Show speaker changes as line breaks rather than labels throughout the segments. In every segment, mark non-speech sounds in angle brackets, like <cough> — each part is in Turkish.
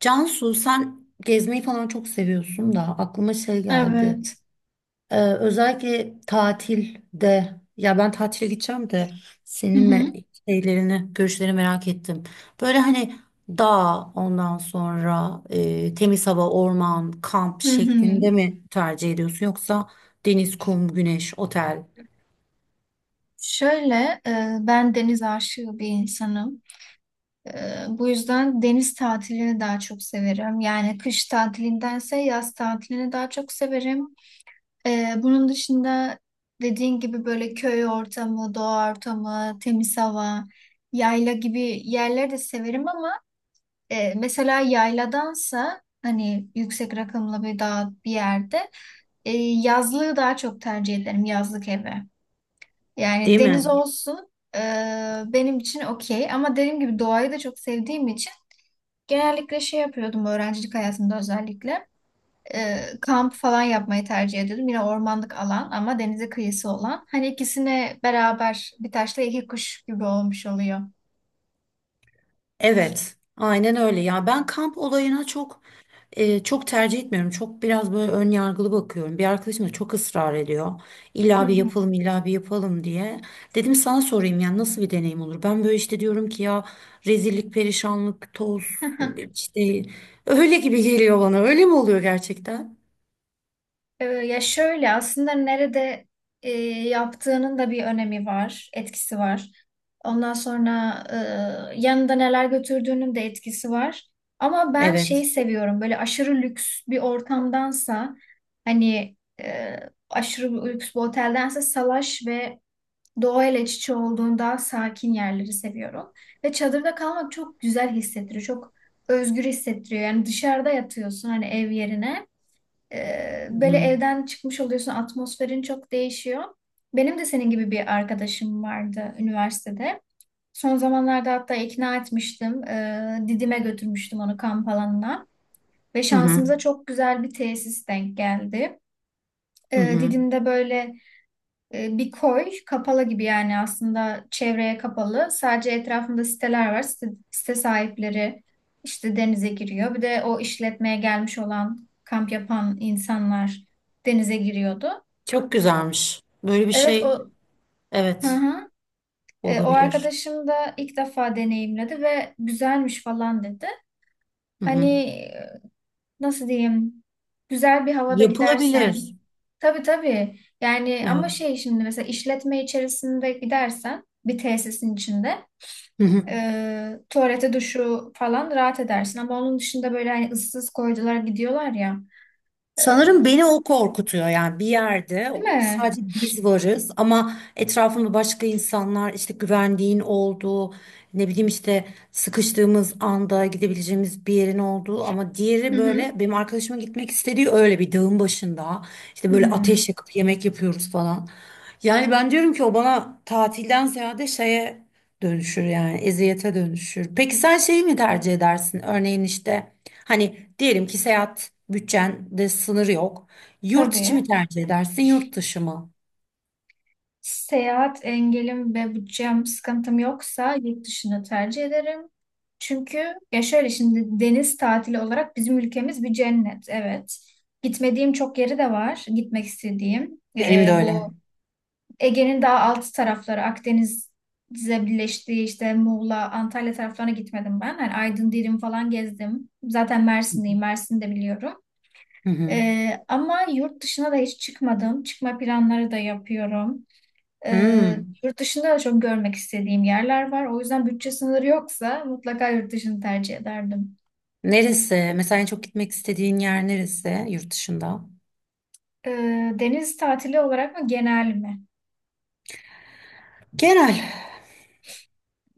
Cansu, sen gezmeyi falan çok seviyorsun da aklıma şey geldi.
Evet.
Özellikle tatilde ya ben tatile gideceğim de
Hı
senin
hı.
me- şeylerini, görüşlerini merak ettim. Böyle hani dağ, ondan sonra temiz hava, orman, kamp
Hı hı.
şeklinde mi tercih ediyorsun, yoksa deniz, kum, güneş, otel
Şöyle, ben deniz aşığı bir insanım. Bu yüzden deniz tatilini daha çok severim. Yani kış tatilindense yaz tatilini daha çok severim. Bunun dışında dediğin gibi böyle köy ortamı, doğa ortamı, temiz hava, yayla gibi yerleri de severim ama mesela yayladansa hani yüksek rakımlı bir dağ bir yerde yazlığı daha çok tercih ederim, yazlık evi. Yani
değil
deniz
mi?
olsun benim için okey ama dediğim gibi doğayı da çok sevdiğim için genellikle şey yapıyordum öğrencilik hayatımda özellikle kamp falan yapmayı tercih ediyordum. Yine ormanlık alan ama denize kıyısı olan. Hani ikisine beraber bir taşla iki kuş gibi olmuş oluyor.
Evet, aynen öyle ya, ben kamp olayına çok tercih etmiyorum. Çok biraz böyle ön yargılı bakıyorum. Bir arkadaşım da çok ısrar ediyor.
Hı
İlla bir
hı.
yapalım, illa bir yapalım diye. Dedim sana sorayım, yani nasıl bir deneyim olur? Ben böyle işte diyorum ki ya, rezillik, perişanlık, toz
<laughs>
işte, öyle gibi geliyor bana. Öyle mi oluyor gerçekten?
Ya şöyle aslında nerede e, yaptığının da bir önemi var, etkisi var. Ondan sonra yanında neler götürdüğünün de etkisi var. Ama ben şeyi
Evet.
seviyorum böyle aşırı lüks bir ortamdansa hani aşırı bir lüks bir oteldense salaş ve doğayla iç içe olduğun daha sakin yerleri seviyorum. Ve çadırda kalmak çok güzel hissettiriyor, çok özgür hissettiriyor. Yani dışarıda yatıyorsun hani ev yerine.
Hı
Böyle
hı.
evden çıkmış oluyorsun, atmosferin çok değişiyor. Benim de senin gibi bir arkadaşım vardı üniversitede. Son zamanlarda hatta ikna etmiştim. Didim'e götürmüştüm onu kamp alanına. Ve
Hı hı.
şansımıza çok güzel bir tesis denk geldi.
Hı hı.
Didim'de böyle bir koy kapalı gibi yani aslında çevreye kapalı. Sadece etrafında siteler var. Site sahipleri işte denize giriyor. Bir de o işletmeye gelmiş olan kamp yapan insanlar denize giriyordu.
Çok güzelmiş. Böyle bir
Evet
şey
o, hı
evet
hı. O
olabilir.
arkadaşım da ilk defa deneyimledi ve güzelmiş falan dedi.
Hı
Hani
hı.
nasıl diyeyim? Güzel bir havada gidersen.
Yapılabilir.
Tabii tabii. Yani ama
Evet.
şey şimdi mesela işletme içerisinde gidersen bir tesisin içinde
<laughs>
tuvalete duşu falan rahat edersin. Ama onun dışında böyle hani ıssız koydular gidiyorlar ya. E,
Sanırım beni o korkutuyor, yani bir yerde
Değil mi?
sadece biz varız ama etrafımda başka insanlar, işte güvendiğin olduğu, ne bileyim işte sıkıştığımız anda gidebileceğimiz bir yerin olduğu, ama
Hı
diğeri
hı.
böyle benim arkadaşımın gitmek istediği, öyle bir dağın başında işte böyle ateş
Hmm,
yakıp yemek yapıyoruz falan. Yani ben diyorum ki o bana tatilden ziyade şeye dönüşür yani, eziyete dönüşür. Peki sen şeyi mi tercih edersin? Örneğin işte hani diyelim ki seyahat bütçende sınır yok. Yurt içi mi
tabii.
tercih edersin, yurt dışı mı?
Seyahat engelim ve bütçem sıkıntım yoksa yurt dışını tercih ederim. Çünkü ya şöyle şimdi deniz tatili olarak bizim ülkemiz bir cennet. Evet. Gitmediğim çok yeri de var. Gitmek istediğim.
Benim de
Bu
öyle.
Ege'nin daha alt tarafları Akdeniz'e birleştiği işte Muğla, Antalya taraflarına gitmedim ben. Hani Aydın, Dirim falan gezdim. Zaten
Hı
Mersin'deyim, Mersin'i de biliyorum.
Hı hı.
Ama yurt dışına da hiç çıkmadım. Çıkma planları da yapıyorum. Ee,
Hmm.
Yurt dışında da çok görmek istediğim yerler var. O yüzden bütçe sınırı yoksa mutlaka yurt dışını tercih ederdim.
Neresi? Mesela en çok gitmek istediğin yer neresi yurt dışında?
Deniz tatili olarak mı genel mi?
Genel.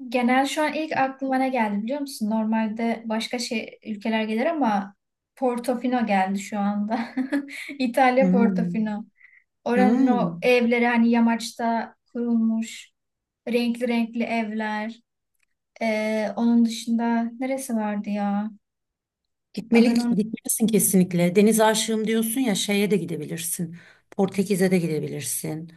Genel şu an ilk aklıma ne geldi biliyor musun? Normalde başka şey ülkeler gelir ama Portofino geldi şu anda. <laughs> İtalya
Hmm.
Portofino. Oranın o
Hmm.
evleri hani yamaçta kurulmuş renkli renkli evler. Onun dışında neresi vardı ya?
Gitmeli,
Adını unut-
gitmelisin kesinlikle. Deniz aşığım diyorsun ya, şeye de gidebilirsin. Portekiz'e de gidebilirsin.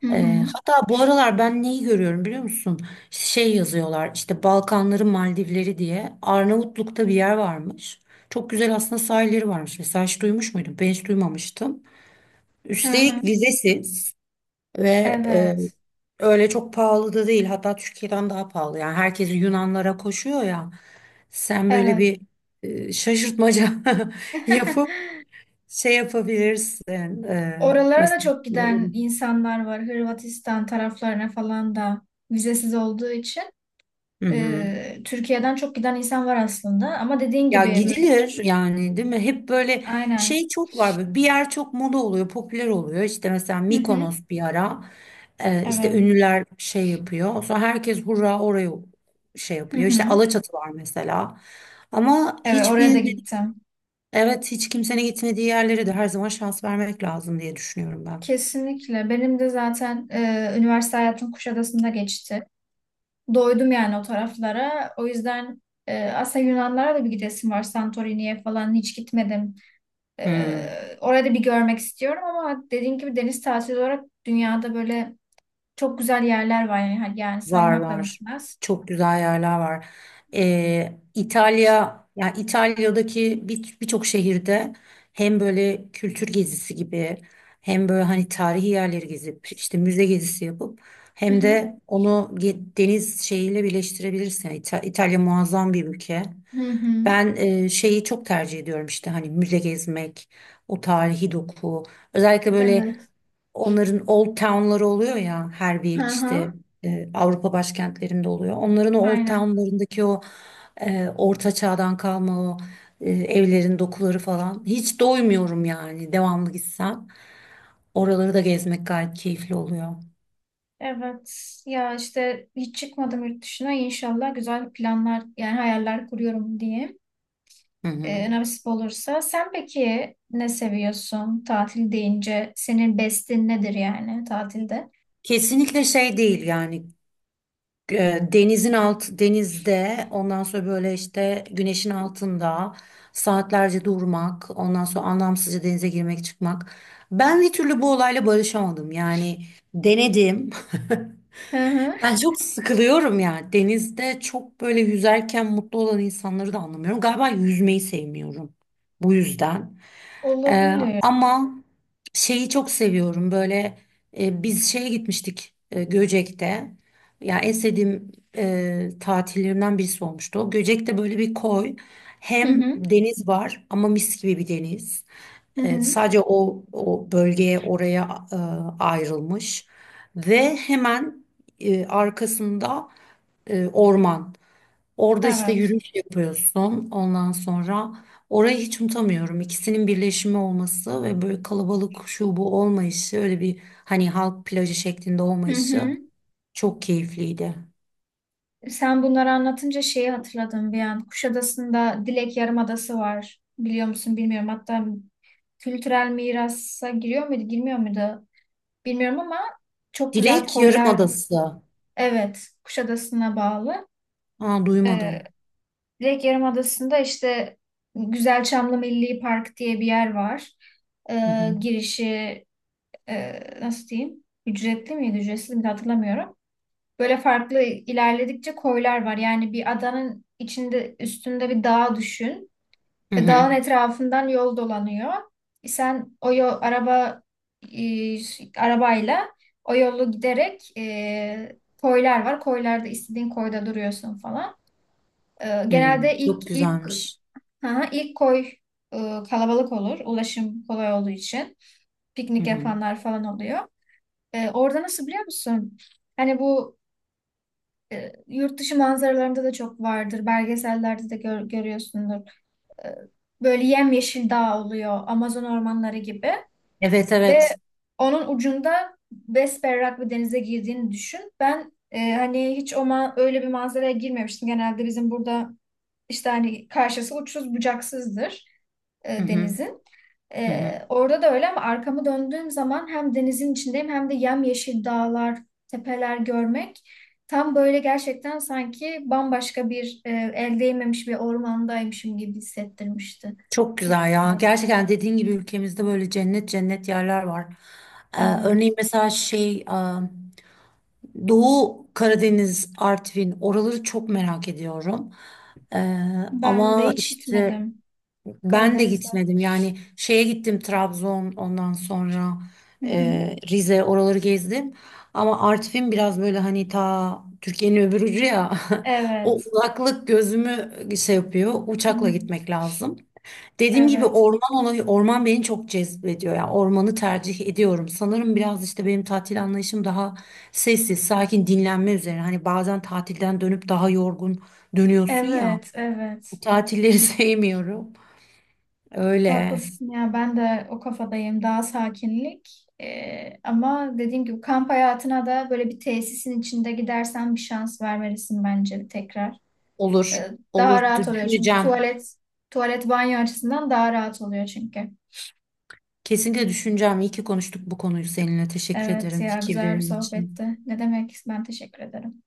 Hı hı.
Hatta bu aralar ben neyi görüyorum biliyor musun? Şey yazıyorlar işte, Balkanların Maldivleri diye. Arnavutluk'ta bir yer varmış. Çok güzel aslında sahilleri varmış. Mesela hiç duymuş muydun? Ben hiç duymamıştım.
Hı hı.
Üstelik vizesiz ve
Evet.
öyle çok pahalı da değil. Hatta Türkiye'den daha pahalı. Yani herkes Yunanlara koşuyor ya. Sen böyle
Evet.
bir şaşırtmaca <laughs> yapıp
<laughs>
şey yapabilirsin. E,
Oralara da
mesela.
çok giden insanlar var. Hırvatistan taraflarına falan da vizesiz olduğu için.
Hı hı.
Türkiye'den çok giden insan var aslında ama dediğin
Ya
gibi böyle,
gidilir yani, değil mi? Hep böyle
aynen.
şey çok var. Böyle bir yer çok moda oluyor, popüler oluyor. İşte mesela
Hı hı.
Mikonos bir ara işte
Evet.
ünlüler şey yapıyor. Sonra herkes hurra oraya şey
Hı
yapıyor. İşte
hı.
Alaçatı var mesela. Ama
Evet,
hiç
oraya da
bilmedi,
gittim.
evet, hiç kimsenin gitmediği yerlere de her zaman şans vermek lazım diye düşünüyorum ben.
Kesinlikle. Benim de zaten üniversite hayatım Kuşadası'nda geçti. Doydum yani o taraflara. O yüzden aslında Yunanlara da bir gidesim var. Santorini'ye falan hiç gitmedim.
Hmm.
Orayı da bir görmek istiyorum ama dediğin gibi deniz tatili olarak dünyada böyle çok güzel yerler var yani. Hani yani
Var
saymakla
var.
bitmez.
Çok güzel yerler var. İtalya, yani İtalya'daki birçok şehirde hem böyle kültür gezisi gibi, hem böyle hani tarihi yerleri gezip işte müze gezisi yapıp,
Hı
hem
hı.
de onu deniz şeyiyle birleştirebilirsin. Yani İtalya muazzam bir ülke.
Hı hı.
Ben şeyi çok tercih ediyorum, işte hani müze gezmek, o tarihi doku. Özellikle böyle
Evet.
onların old town'ları oluyor ya, her
Hı
bir işte
hı,
Avrupa başkentlerinde oluyor. Onların o old
aynen.
town'larındaki o orta çağdan kalma o evlerin dokuları falan. Hiç doymuyorum yani, devamlı gitsem. Oraları da gezmek gayet keyifli oluyor.
Evet. Ya işte hiç çıkmadım yurt dışına. İnşallah güzel planlar yani hayaller kuruyorum diye.
Hı hı.
Nasip olursa. Sen peki ne seviyorsun tatil deyince? Senin bestin nedir yani tatilde?
Kesinlikle şey değil yani, denizin alt denizde, ondan sonra böyle işte güneşin altında saatlerce durmak, ondan sonra anlamsızca denize girmek çıkmak, ben bir türlü bu olayla barışamadım yani. Denedim. <laughs>
Hı hı.
Ben çok sıkılıyorum ya. Denizde çok böyle yüzerken mutlu olan insanları da anlamıyorum. Galiba yüzmeyi sevmiyorum bu yüzden.
Olabilir.
Ama şeyi çok seviyorum. Böyle biz şeye gitmiştik, Göcek'te. Ya en sevdiğim tatillerimden birisi olmuştu. O Göcek'te böyle bir koy.
Hı
Hem
hı.
deniz var ama mis gibi bir deniz.
Hı
E,
hı.
sadece o bölgeye oraya ayrılmış ve hemen arkasında orman. Orada işte
Evet.
yürüyüş yapıyorsun. Ondan sonra orayı hiç unutamıyorum. İkisinin birleşimi olması ve böyle kalabalık şu bu olmayışı, öyle bir hani halk plajı şeklinde
Hı hı.
olmayışı çok keyifliydi.
Sen bunları anlatınca şeyi hatırladım bir an. Kuşadası'nda Dilek Yarımadası var. Biliyor musun bilmiyorum. Hatta kültürel mirasa giriyor muydu, girmiyor muydu? Bilmiyorum ama çok güzel
Dilek
koylar mı?
Yarımadası.
Evet, Kuşadası'na bağlı.
Aa, duymadım.
Ee, Direkt Yarımadası'nda işte Güzelçamlı Milli Park diye bir yer var.
Hı hı.
Girişi nasıl diyeyim? Ücretli miydi, ücretsiz miydi hatırlamıyorum. Böyle farklı ilerledikçe koylar var. Yani bir adanın içinde üstünde bir dağ düşün.
Hı hı.
Dağın etrafından yol dolanıyor. Sen o yol araba e, arabayla o yolu giderek koylar var. Koylarda istediğin koyda duruyorsun falan.
Hı.
Genelde ilk
Çok
ilk
güzelmiş.
ha, ilk koy e, kalabalık olur. Ulaşım kolay olduğu için
Hı
piknik
hı.
yapanlar falan oluyor. Orada nasıl biliyor musun? Hani bu yurt dışı manzaralarında da çok vardır. Belgesellerde de gör, görüyorsundur. e, Böyle yemyeşil dağ oluyor Amazon ormanları gibi
Evet
ve
evet.
onun ucunda besberrak bir denize girdiğini düşün. Ben hani hiç o ma- öyle bir manzaraya girmemiştim. Genelde bizim burada işte hani karşısı uçsuz bucaksızdır
Hı hı.
denizin.
Hı hı.
Orada da öyle ama arkamı döndüğüm zaman hem denizin içindeyim hem de yemyeşil dağlar, tepeler görmek tam böyle gerçekten sanki bambaşka bir el değmemiş bir ormandaymışım gibi hissettirmişti.
Çok
Çok
güzel ya.
güzel.
Gerçekten dediğin gibi ülkemizde böyle cennet cennet yerler var. Ee, Örneğin
Evet.
mesela şey, Doğu Karadeniz, Artvin oraları çok merak ediyorum. Ee,
Ben de
Ama
hiç
işte
gitmedim
ben de
Karadeniz'e.
gitmedim. Yani şeye gittim, Trabzon, ondan sonra
Hı hı.
Rize oraları gezdim. Ama Artvin biraz böyle hani ta Türkiye'nin öbür ucu ya. <laughs> O
Evet.
uzaklık gözümü şey yapıyor.
Hı.
Uçakla gitmek lazım. Dediğim gibi,
Evet.
orman olayı, orman beni çok cezbediyor. Yani ormanı tercih ediyorum. Sanırım biraz işte benim tatil anlayışım daha sessiz, sakin, dinlenme üzerine. Hani bazen tatilden dönüp daha yorgun dönüyorsun ya.
Evet.
Bu
Evet.
tatilleri <laughs> sevmiyorum. Öyle.
Haklısın ya ben de o kafadayım daha sakinlik. Ama dediğim gibi kamp hayatına da böyle bir tesisin içinde gidersen bir şans vermelisin bence tekrar.
Olur.
Ee,
Olur.
Daha rahat oluyor çünkü
Düşüneceğim.
tuvalet banyo açısından daha rahat oluyor çünkü.
Kesinlikle düşüneceğim. İyi ki konuştuk bu konuyu seninle. Teşekkür
Evet
ederim
ya, güzel bir
fikirlerin için.
sohbetti. Ne demek, ben teşekkür ederim.